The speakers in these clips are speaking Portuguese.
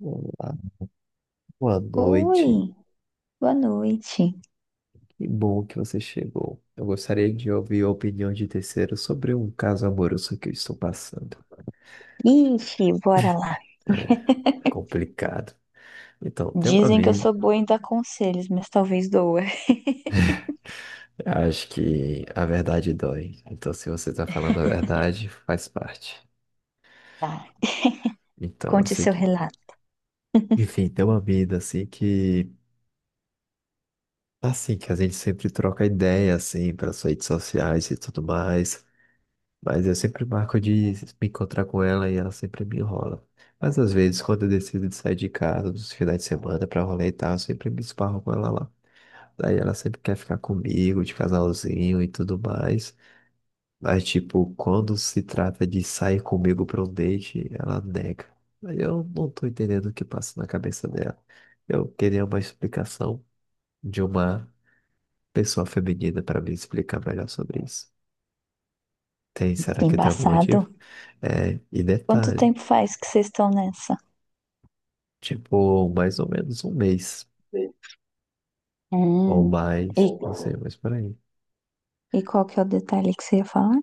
Olá, boa noite. Oi, boa noite. Que bom que você chegou. Eu gostaria de ouvir a opinião de terceiro sobre um caso amoroso que eu estou passando. Ixi, bora lá. Complicado. Então, tem uma Dizem que eu mina. sou boa em dar conselhos, mas talvez doa. Acho que a verdade dói. Então, se você está falando a verdade, faz parte. Tá. Então, eu Conte sei seu que. relato. Enfim, tem uma mina assim que. Assim, que a gente sempre troca ideia, assim, pelas redes sociais e tudo mais. Mas eu sempre marco de me encontrar com ela e ela sempre me enrola. Mas às vezes, quando eu decido de sair de casa nos finais de semana pra rolê e tal, eu sempre me esparro com ela lá. Daí ela sempre quer ficar comigo, de casalzinho e tudo mais. Mas, tipo, quando se trata de sair comigo pra um date, ela nega. Aí eu não tô entendendo o que passa na cabeça dela. Eu queria uma explicação de uma pessoa feminina pra me explicar melhor sobre isso. Tem, será Que que tem algum embaçado. motivo? É, e Quanto detalhe. tempo faz que vocês estão nessa? Tipo, mais ou menos um mês. Ou Hum. mais, E, não sei, mas por aí. e qual que é o detalhe que você ia falar?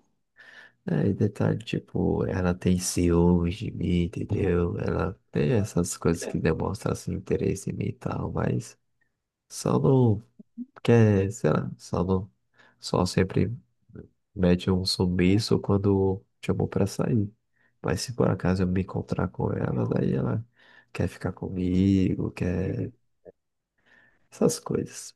É, e detalhe, tipo, ela tem ciúmes de mim, entendeu? Ela tem essas coisas que demonstram, assim, interesse em mim e tal, mas só não quer, sei lá, só não, só sempre mete um sumiço quando chamou pra sair. Mas se por acaso eu me encontrar com ela, daí ela quer ficar comigo, quer essas coisas.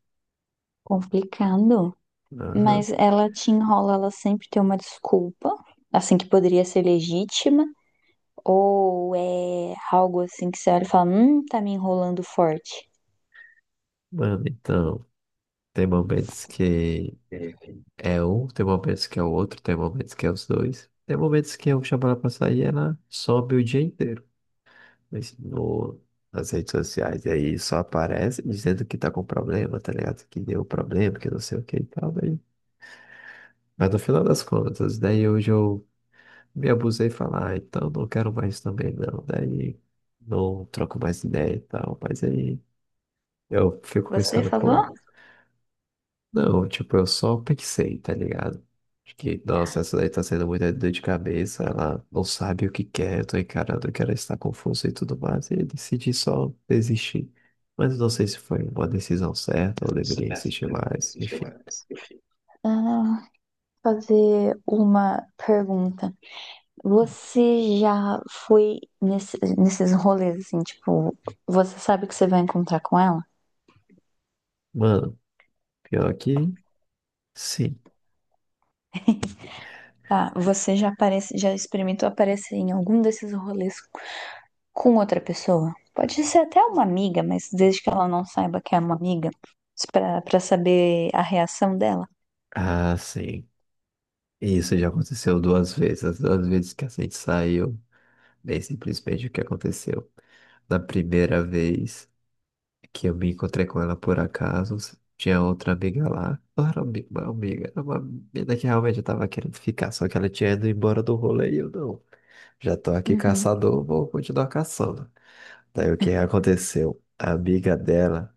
Complicado. Aham. Mas ela te enrola, ela sempre tem uma desculpa, assim que poderia ser legítima, ou é algo assim que você olha e fala, tá me enrolando forte. Mano, então. Tem momentos que é um, tem momentos que é o outro, tem momentos que é os dois. Tem momentos que eu chamo ela pra sair e ela sobe o dia inteiro. Mas no, nas redes sociais, e aí só aparece dizendo que tá com problema, tá ligado? Que deu problema, que não sei o que e tal. Mas no final das contas, daí hoje eu me abusei e falar, ah, então não quero mais também não. Daí não troco mais ideia e tal. Mas aí eu fico Você pensando, falou? pô. Não, tipo, eu só pensei, tá ligado? Acho que, nossa, essa daí tá sendo muita dor de cabeça, ela não sabe o que quer, eu tô encarando que ela está confusa e tudo mais, e eu decidi só desistir. Mas não sei se foi uma decisão certa ou deveria insistir mais, enfim. Ah, fazer uma pergunta. Você já foi nesses rolês assim, tipo, você sabe que você vai encontrar com ela? Mano, pior que sim. Tá, você já aparece, já experimentou aparecer em algum desses rolês com outra pessoa? Pode ser até uma amiga, mas desde que ela não saiba que é uma amiga, pra saber a reação dela. Ah, sim. Isso já aconteceu duas vezes, as duas vezes que a gente saiu, bem simplesmente o que aconteceu. Na primeira vez que eu me encontrei com ela por acaso. Tinha outra amiga lá. Não era uma amiga, era uma menina que realmente eu tava querendo ficar, só que ela tinha ido embora do rolê e eu não. Já tô aqui Uhum. caçador, vou continuar caçando. Daí o que aconteceu? A amiga dela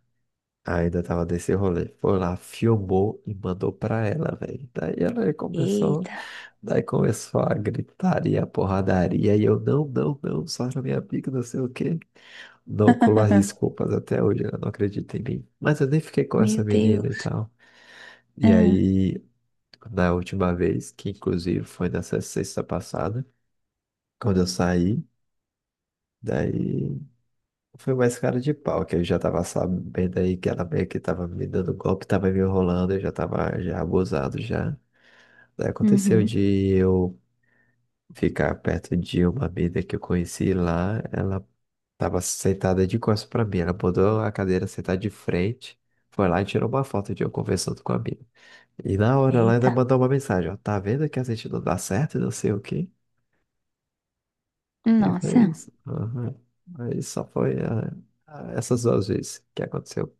ainda tava nesse rolê. Foi lá, filmou e mandou pra ela, velho. Daí ela começou, Eita. daí começou a gritaria, a porradaria, e eu, não, não, não, só era minha amiga, não sei o quê não colar desculpas até hoje, ela não acredita em mim. Mas eu nem fiquei com essa Meu menina e Deus. tal. E Ah, aí, na última vez, que inclusive foi nessa sexta passada, quando eu saí, daí foi mais cara de pau, que eu já tava sabendo aí que ela meio que tava me dando golpe, tava me enrolando, eu já tava já abusado já. Daí aconteceu uhum. de eu ficar perto de uma mina que eu conheci lá, ela tava sentada de costas pra mim. Ela botou a cadeira sentada de frente. Foi lá e tirou uma foto de eu conversando com a mina. E na hora ela ainda Eita. mandou uma mensagem, ó. Tá vendo que a gente não dá certo e não sei o quê? E foi Nossa. isso. Aham. Aí só foi ah, ah, essas duas vezes que aconteceu.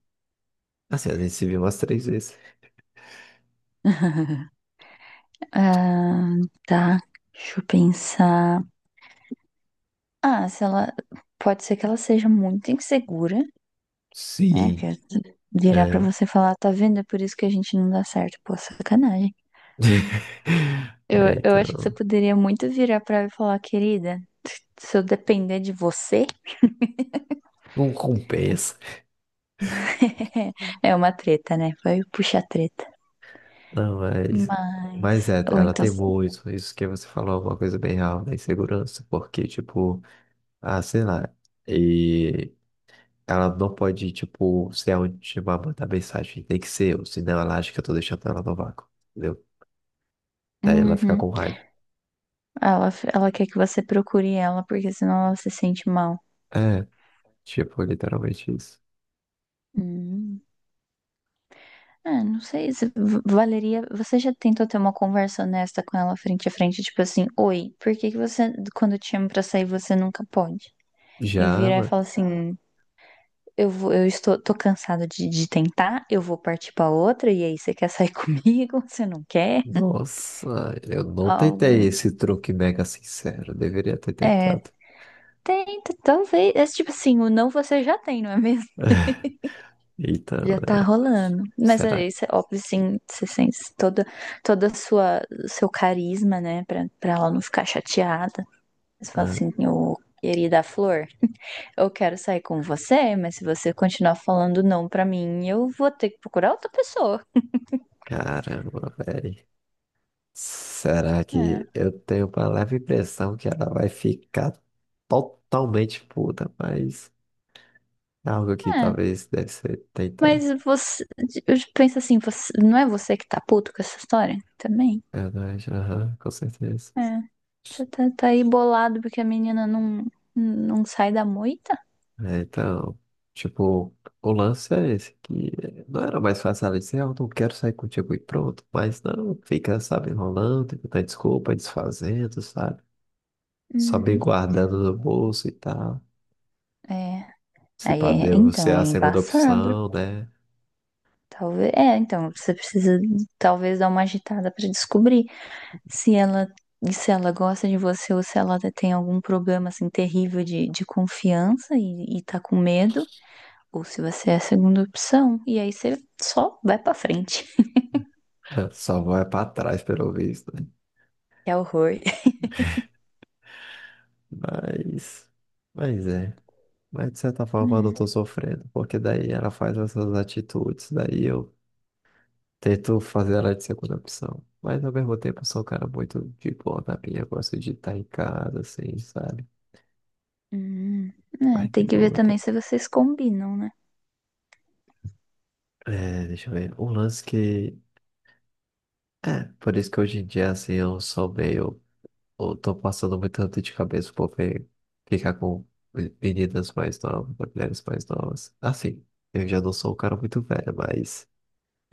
Assim, a gente se viu umas três vezes. Ah, tá. Deixa eu pensar. Ah, se ela. Pode ser que ela seja muito insegura, né? Que Sim, virar pra é. você e falar, tá vendo? É por isso que a gente não dá certo. Pô, sacanagem. É, Eu acho que você então. poderia muito virar pra ela e falar, querida, se eu depender de você, Não compensa. é uma treta, né? Vai puxar treta. Não, mas. Mas Mas, é, ou ela então, tem muito. Isso que você falou é uma coisa bem real da insegurança. Porque, tipo. Ah, sei lá. E ela não pode, tipo, ser a última a mandar mensagem. Tem que ser eu, senão ela acha que eu tô deixando ela no vácuo. Entendeu? Daí ela fica uhum, com raiva. ela quer que você procure ela, porque senão ela se sente mal. É, tipo, literalmente isso. Hum. É, não sei se valeria. Você já tentou ter uma conversa honesta com ela frente a frente, tipo assim, oi, por que que você, quando eu te chamo pra sair, você nunca pode? E Já, virar e mano. falar assim, eu estou, tô cansada de tentar, eu vou partir pra outra, e aí você quer sair comigo? Você não quer? Nossa, eu não tentei Algum. esse truque mega sincero. Deveria ter É, tentado. tenta, talvez. É tipo assim, o não você já tem, não é mesmo? Então, Já tá né? rolando. Mas Será? aí, cê, óbvio, sim, você sente toda a sua, seu carisma, né? Pra ela não ficar chateada. Você fala Ah, assim, ô, querida Flor, eu quero sair com você, mas se você continuar falando não pra mim, eu vou ter que procurar outra pessoa. caramba, velho. Será É, que eu tenho uma leve impressão que ela vai ficar totalmente puta, mas. Algo que é. talvez deve ser tentar. Mas você, eu penso assim, você, não é você que tá puto com essa história? Também? Verdade, aham, com certeza. É. Você tá aí bolado porque a menina não sai da moita? É, então, tipo, o lance é esse, que não era mais fácil ela dizer, eu não quero sair contigo e pronto, mas não, fica, sabe, enrolando, tentando desculpa, desfazendo, sabe? Só bem Uhum. guardando no bolso e tal. É. Se Aí, pá, deu você então, é é a segunda embaçado. opção, né? Talvez, é, então, você precisa talvez dar uma agitada pra descobrir se ela se ela gosta de você ou se ela tem algum problema assim terrível de confiança e tá com medo, ou se você é a segunda opção. E aí você só vai pra frente. Só vai pra trás, pelo visto, né? É horror. Mas, mas é. Mas de certa forma eu não tô sofrendo, porque daí ela faz essas atitudes, daí eu tento fazer ela de segunda opção. Mas ao mesmo tempo, eu sou um cara muito de boa na minha. Eu gosto de estar em casa, assim, sabe? Hum, É, Mas de tem que ver boa. Tá? também se vocês combinam, né? É, deixa eu ver. Um lance que. Por isso que hoje em dia, assim, eu sou meio. Eu tô passando muito dor de cabeça por ficar com meninas mais novas, com mulheres mais novas. Assim, eu já não sou um cara muito velho, mas.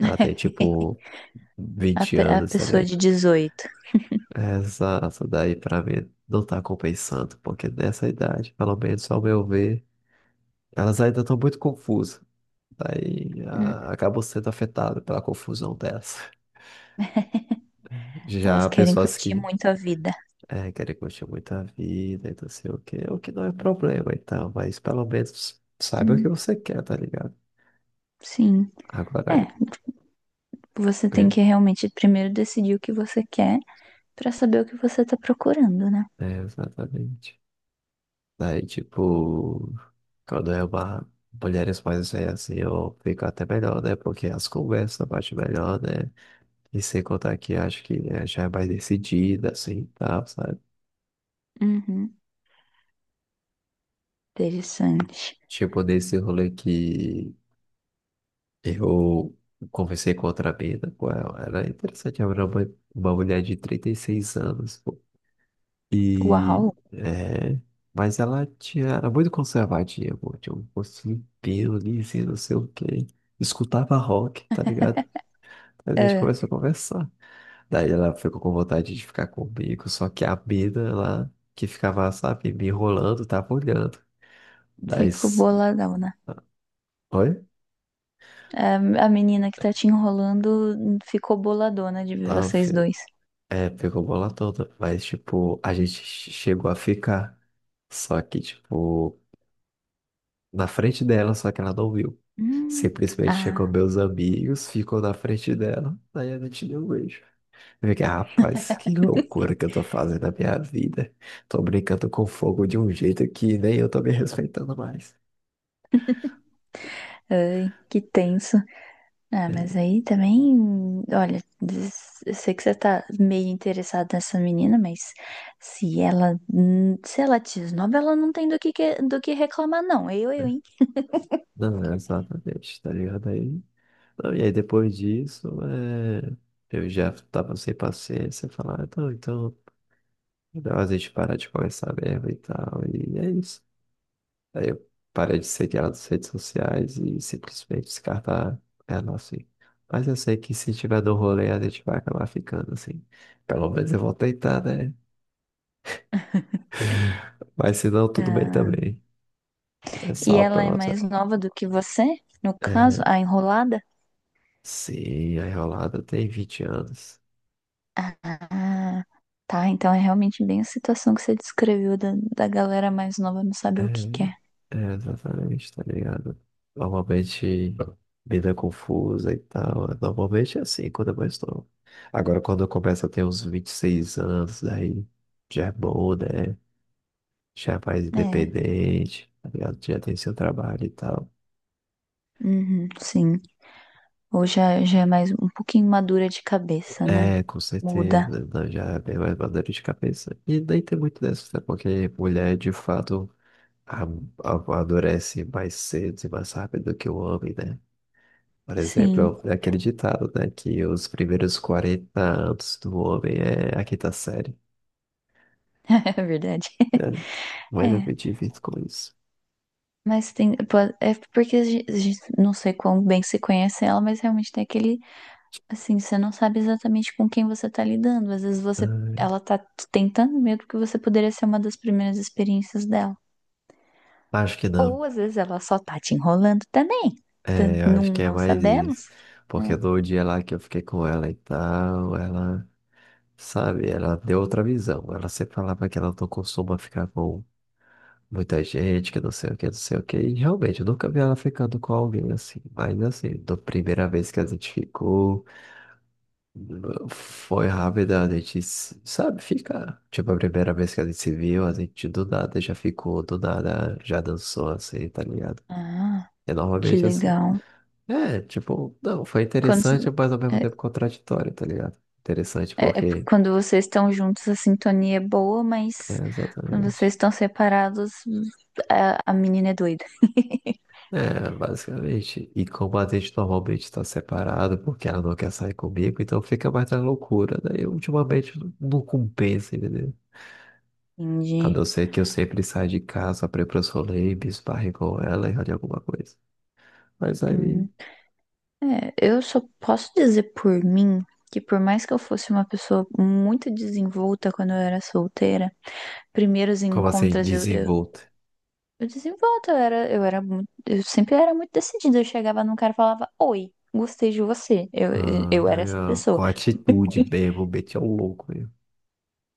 Ela tem tipo 20 A anos, tá. pessoa de 18. Exato, daí pra mim não tá compensando, porque nessa idade, pelo menos ao meu ver, elas ainda estão muito confusas. Daí Hum, ah, acabam sendo afetadas pela confusão delas. Elas Já querem pessoas curtir que muito a vida. é, querem curtir muito a vida e não sei o quê, o que não é problema então, mas pelo menos saiba o que Hum, você quer, tá ligado? sim. Agora, É, você tem é, que realmente primeiro decidir o que você quer pra saber o que você tá procurando, né? é, exatamente. Daí, tipo, quando é uma mulheres mais velhas assim, eu fico até melhor, né? Porque as conversas batem melhor, né? E sem contar que acho que né, já é mais decidida, assim, tá tal, sabe? Uhum. Interessante. Tipo, nesse rolê que eu conversei com outra mina, com ela, era interessante, ela era uma mulher de 36 anos, pô. E, Uau! é... Mas ela tinha, era muito conservadinha, pô. Tinha um rostinho limpinho, lisinho, não sei o quê escutava rock, tá ligado? Mas a gente É, começou a conversar. Daí ela ficou com vontade de ficar comigo, só que a mina lá que ficava, sabe, me enrolando, tava olhando. Daí. ficou s- boladão, né? Oi? É, a menina que tá te enrolando ficou boladona de ver Tá, vocês dois. é, pegou bola toda. Mas, tipo, a gente chegou a ficar. Só que, tipo, na frente dela, só que ela não viu. Hum. Simplesmente chegou Ah, meus amigos, ficou na frente dela. Daí a gente deu um beijo. Eu fiquei, rapaz, que loucura que eu tô fazendo na minha vida. Tô brincando com fogo de um jeito que nem eu tô me respeitando mais. ai, que tenso. Ah, mas aí também, olha, eu sei que você tá meio interessado nessa menina, mas se ela, se ela te esnoba, ela não tem do que, do que reclamar, não. Hein? Não, é exatamente, tá ligado aí? Não, e aí depois disso, é, eu já tava sem paciência, falar, "Ah, então, melhor a gente parar de conversar mesmo e tal, e é isso. Aí eu parei de seguir ela nas redes sociais e simplesmente descartar ela assim. Mas eu sei que se tiver no rolê, a gente vai acabar ficando assim. Pelo menos eu vou tentar, né? Mas se não, tudo bem Ah, também. É e só ela pelo é menos. mais nova do que você, no caso, É, a enrolada? sim, a enrolada tem 20 anos. Ah, tá. Então é realmente bem a situação que você descreveu da galera mais nova não É, saber o que quer. é, exatamente, tá ligado? Normalmente, vida confusa e tal. Normalmente é assim quando eu mais novo. Agora, quando eu começo a ter uns 26 anos, daí já é bom, né? Já é mais É, é, independente, tá ligado? Já tem seu trabalho e tal. uhum, sim. Ou já é mais um pouquinho madura de cabeça, né? É, com Muda. certeza, não, já é bem mais maduro de cabeça. E nem tem muito dessa, né? Porque mulher, de fato. a- Amadurece mais cedo e mais rápido que o homem, né? Por Sim, exemplo, é aquele ditado, né? Que os primeiros 40 anos do homem é a quinta série. é verdade. Né? Mas eu me É. divirto com isso. Mas tem. É porque a gente não sei quão bem se conhece ela, mas realmente tem aquele. Assim, você não sabe exatamente com quem você tá lidando. Às vezes você, Ah, ela tá tentando medo que você poderia ser uma das primeiras experiências dela. acho que não. Ou às vezes ela só tá te enrolando também. É, Portanto, eu acho Não, que é não mais sabemos, isso. Porque né? no dia lá que eu fiquei com ela e tal, ela, sabe, ela deu outra visão. Ela sempre falava que ela não costuma ficar com muita gente que não sei o que, não sei o que. E realmente, eu nunca vi ela ficando com alguém assim. Mas assim, da primeira vez que a gente ficou, foi rápida, a gente, sabe, fica. Tipo, a primeira vez que a gente se viu, a gente do nada já ficou, do nada já dançou assim, tá ligado? Ah, E que normalmente assim, legal. é, tipo, não, foi Quando, interessante, mas ao mesmo é, tempo contraditório, tá ligado? Interessante É porque porque, quando vocês estão juntos, a sintonia é boa, mas é, quando vocês exatamente. estão separados, a menina é doida. É, basicamente. E como a gente normalmente está separado, porque ela não quer sair comigo, então fica mais na loucura. Daí ultimamente não compensa, entendeu? A Entendi. não ser que eu sempre saia de casa para ir para os rolês, me esbarre com ela e rode alguma coisa. Mas aí, Hum. É, eu só posso dizer por mim que por mais que eu fosse uma pessoa muito desenvolta quando eu era solteira, primeiros como assim, encontros desenvolto? Eu sempre era muito decidida. Eu chegava num cara e falava, oi, gostei de você. Ah, Eu era essa legal. pessoa. Com atitude mesmo, meti ao louco mesmo.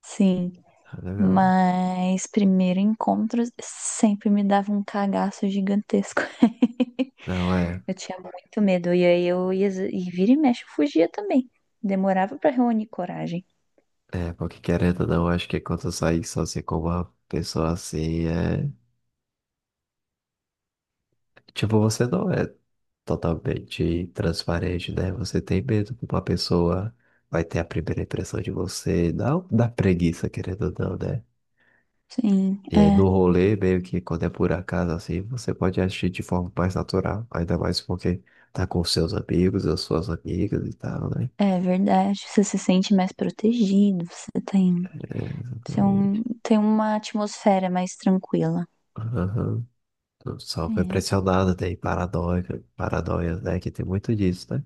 Sim, Ah, legal. mas primeiro encontro sempre me dava um cagaço gigantesco. Não, é. Eu tinha muito medo, e aí eu ia, e vira e mexe, eu fugia também. Demorava pra reunir coragem. É, porque querendo ou não, acho que quando eu saí sozinho com uma pessoa assim, é. Tipo, você não é totalmente transparente, né? Você tem medo que uma pessoa vai ter a primeira impressão de você, não da preguiça, querendo ou não, né? Sim, E aí é. no rolê, meio que quando é por acaso, assim, você pode agir de forma mais natural, ainda mais porque tá com seus amigos as suas amigas e tal, né? É verdade, você se sente mais protegido, você É, exatamente. tem uma atmosfera mais tranquila. Aham. Só foi É, pressionado, tem paranoia, né? Que tem muito disso, né?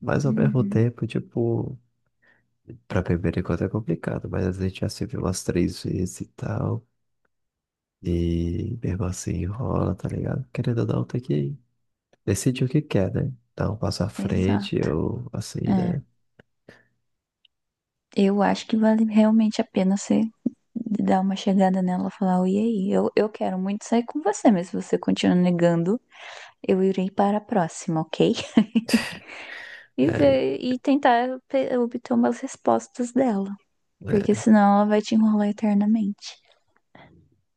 Mas ao mesmo uhum, tempo, tipo. Pra primeiro encontro é complicado, mas a gente já se viu umas três vezes e tal. E mesmo assim enrola, tá ligado? Querendo ou não, tem que decidir o que quer, né? Dar um passo à exato. frente ou assim, É, né? eu acho que vale realmente a pena você dar uma chegada nela e falar, oi, e aí, eu quero muito sair com você, mas se você continuar negando, eu irei para a próxima, ok? E É, ver, e tentar obter umas respostas dela, porque senão ela vai te enrolar eternamente.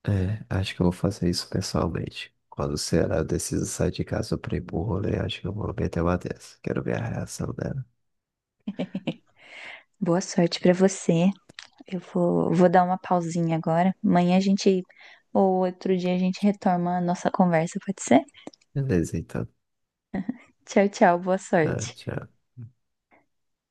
é, acho que eu vou fazer isso pessoalmente. Quando será, eu decido sair de casa pra ir pro rolê, acho que eu vou meter uma dessa. Quero ver a reação dela. Boa sorte pra você. Eu vou dar uma pausinha agora. Amanhã a gente, ou outro dia a gente retoma a nossa conversa, pode ser? Beleza, então. Tchau, tchau, boa É, sorte. tchau.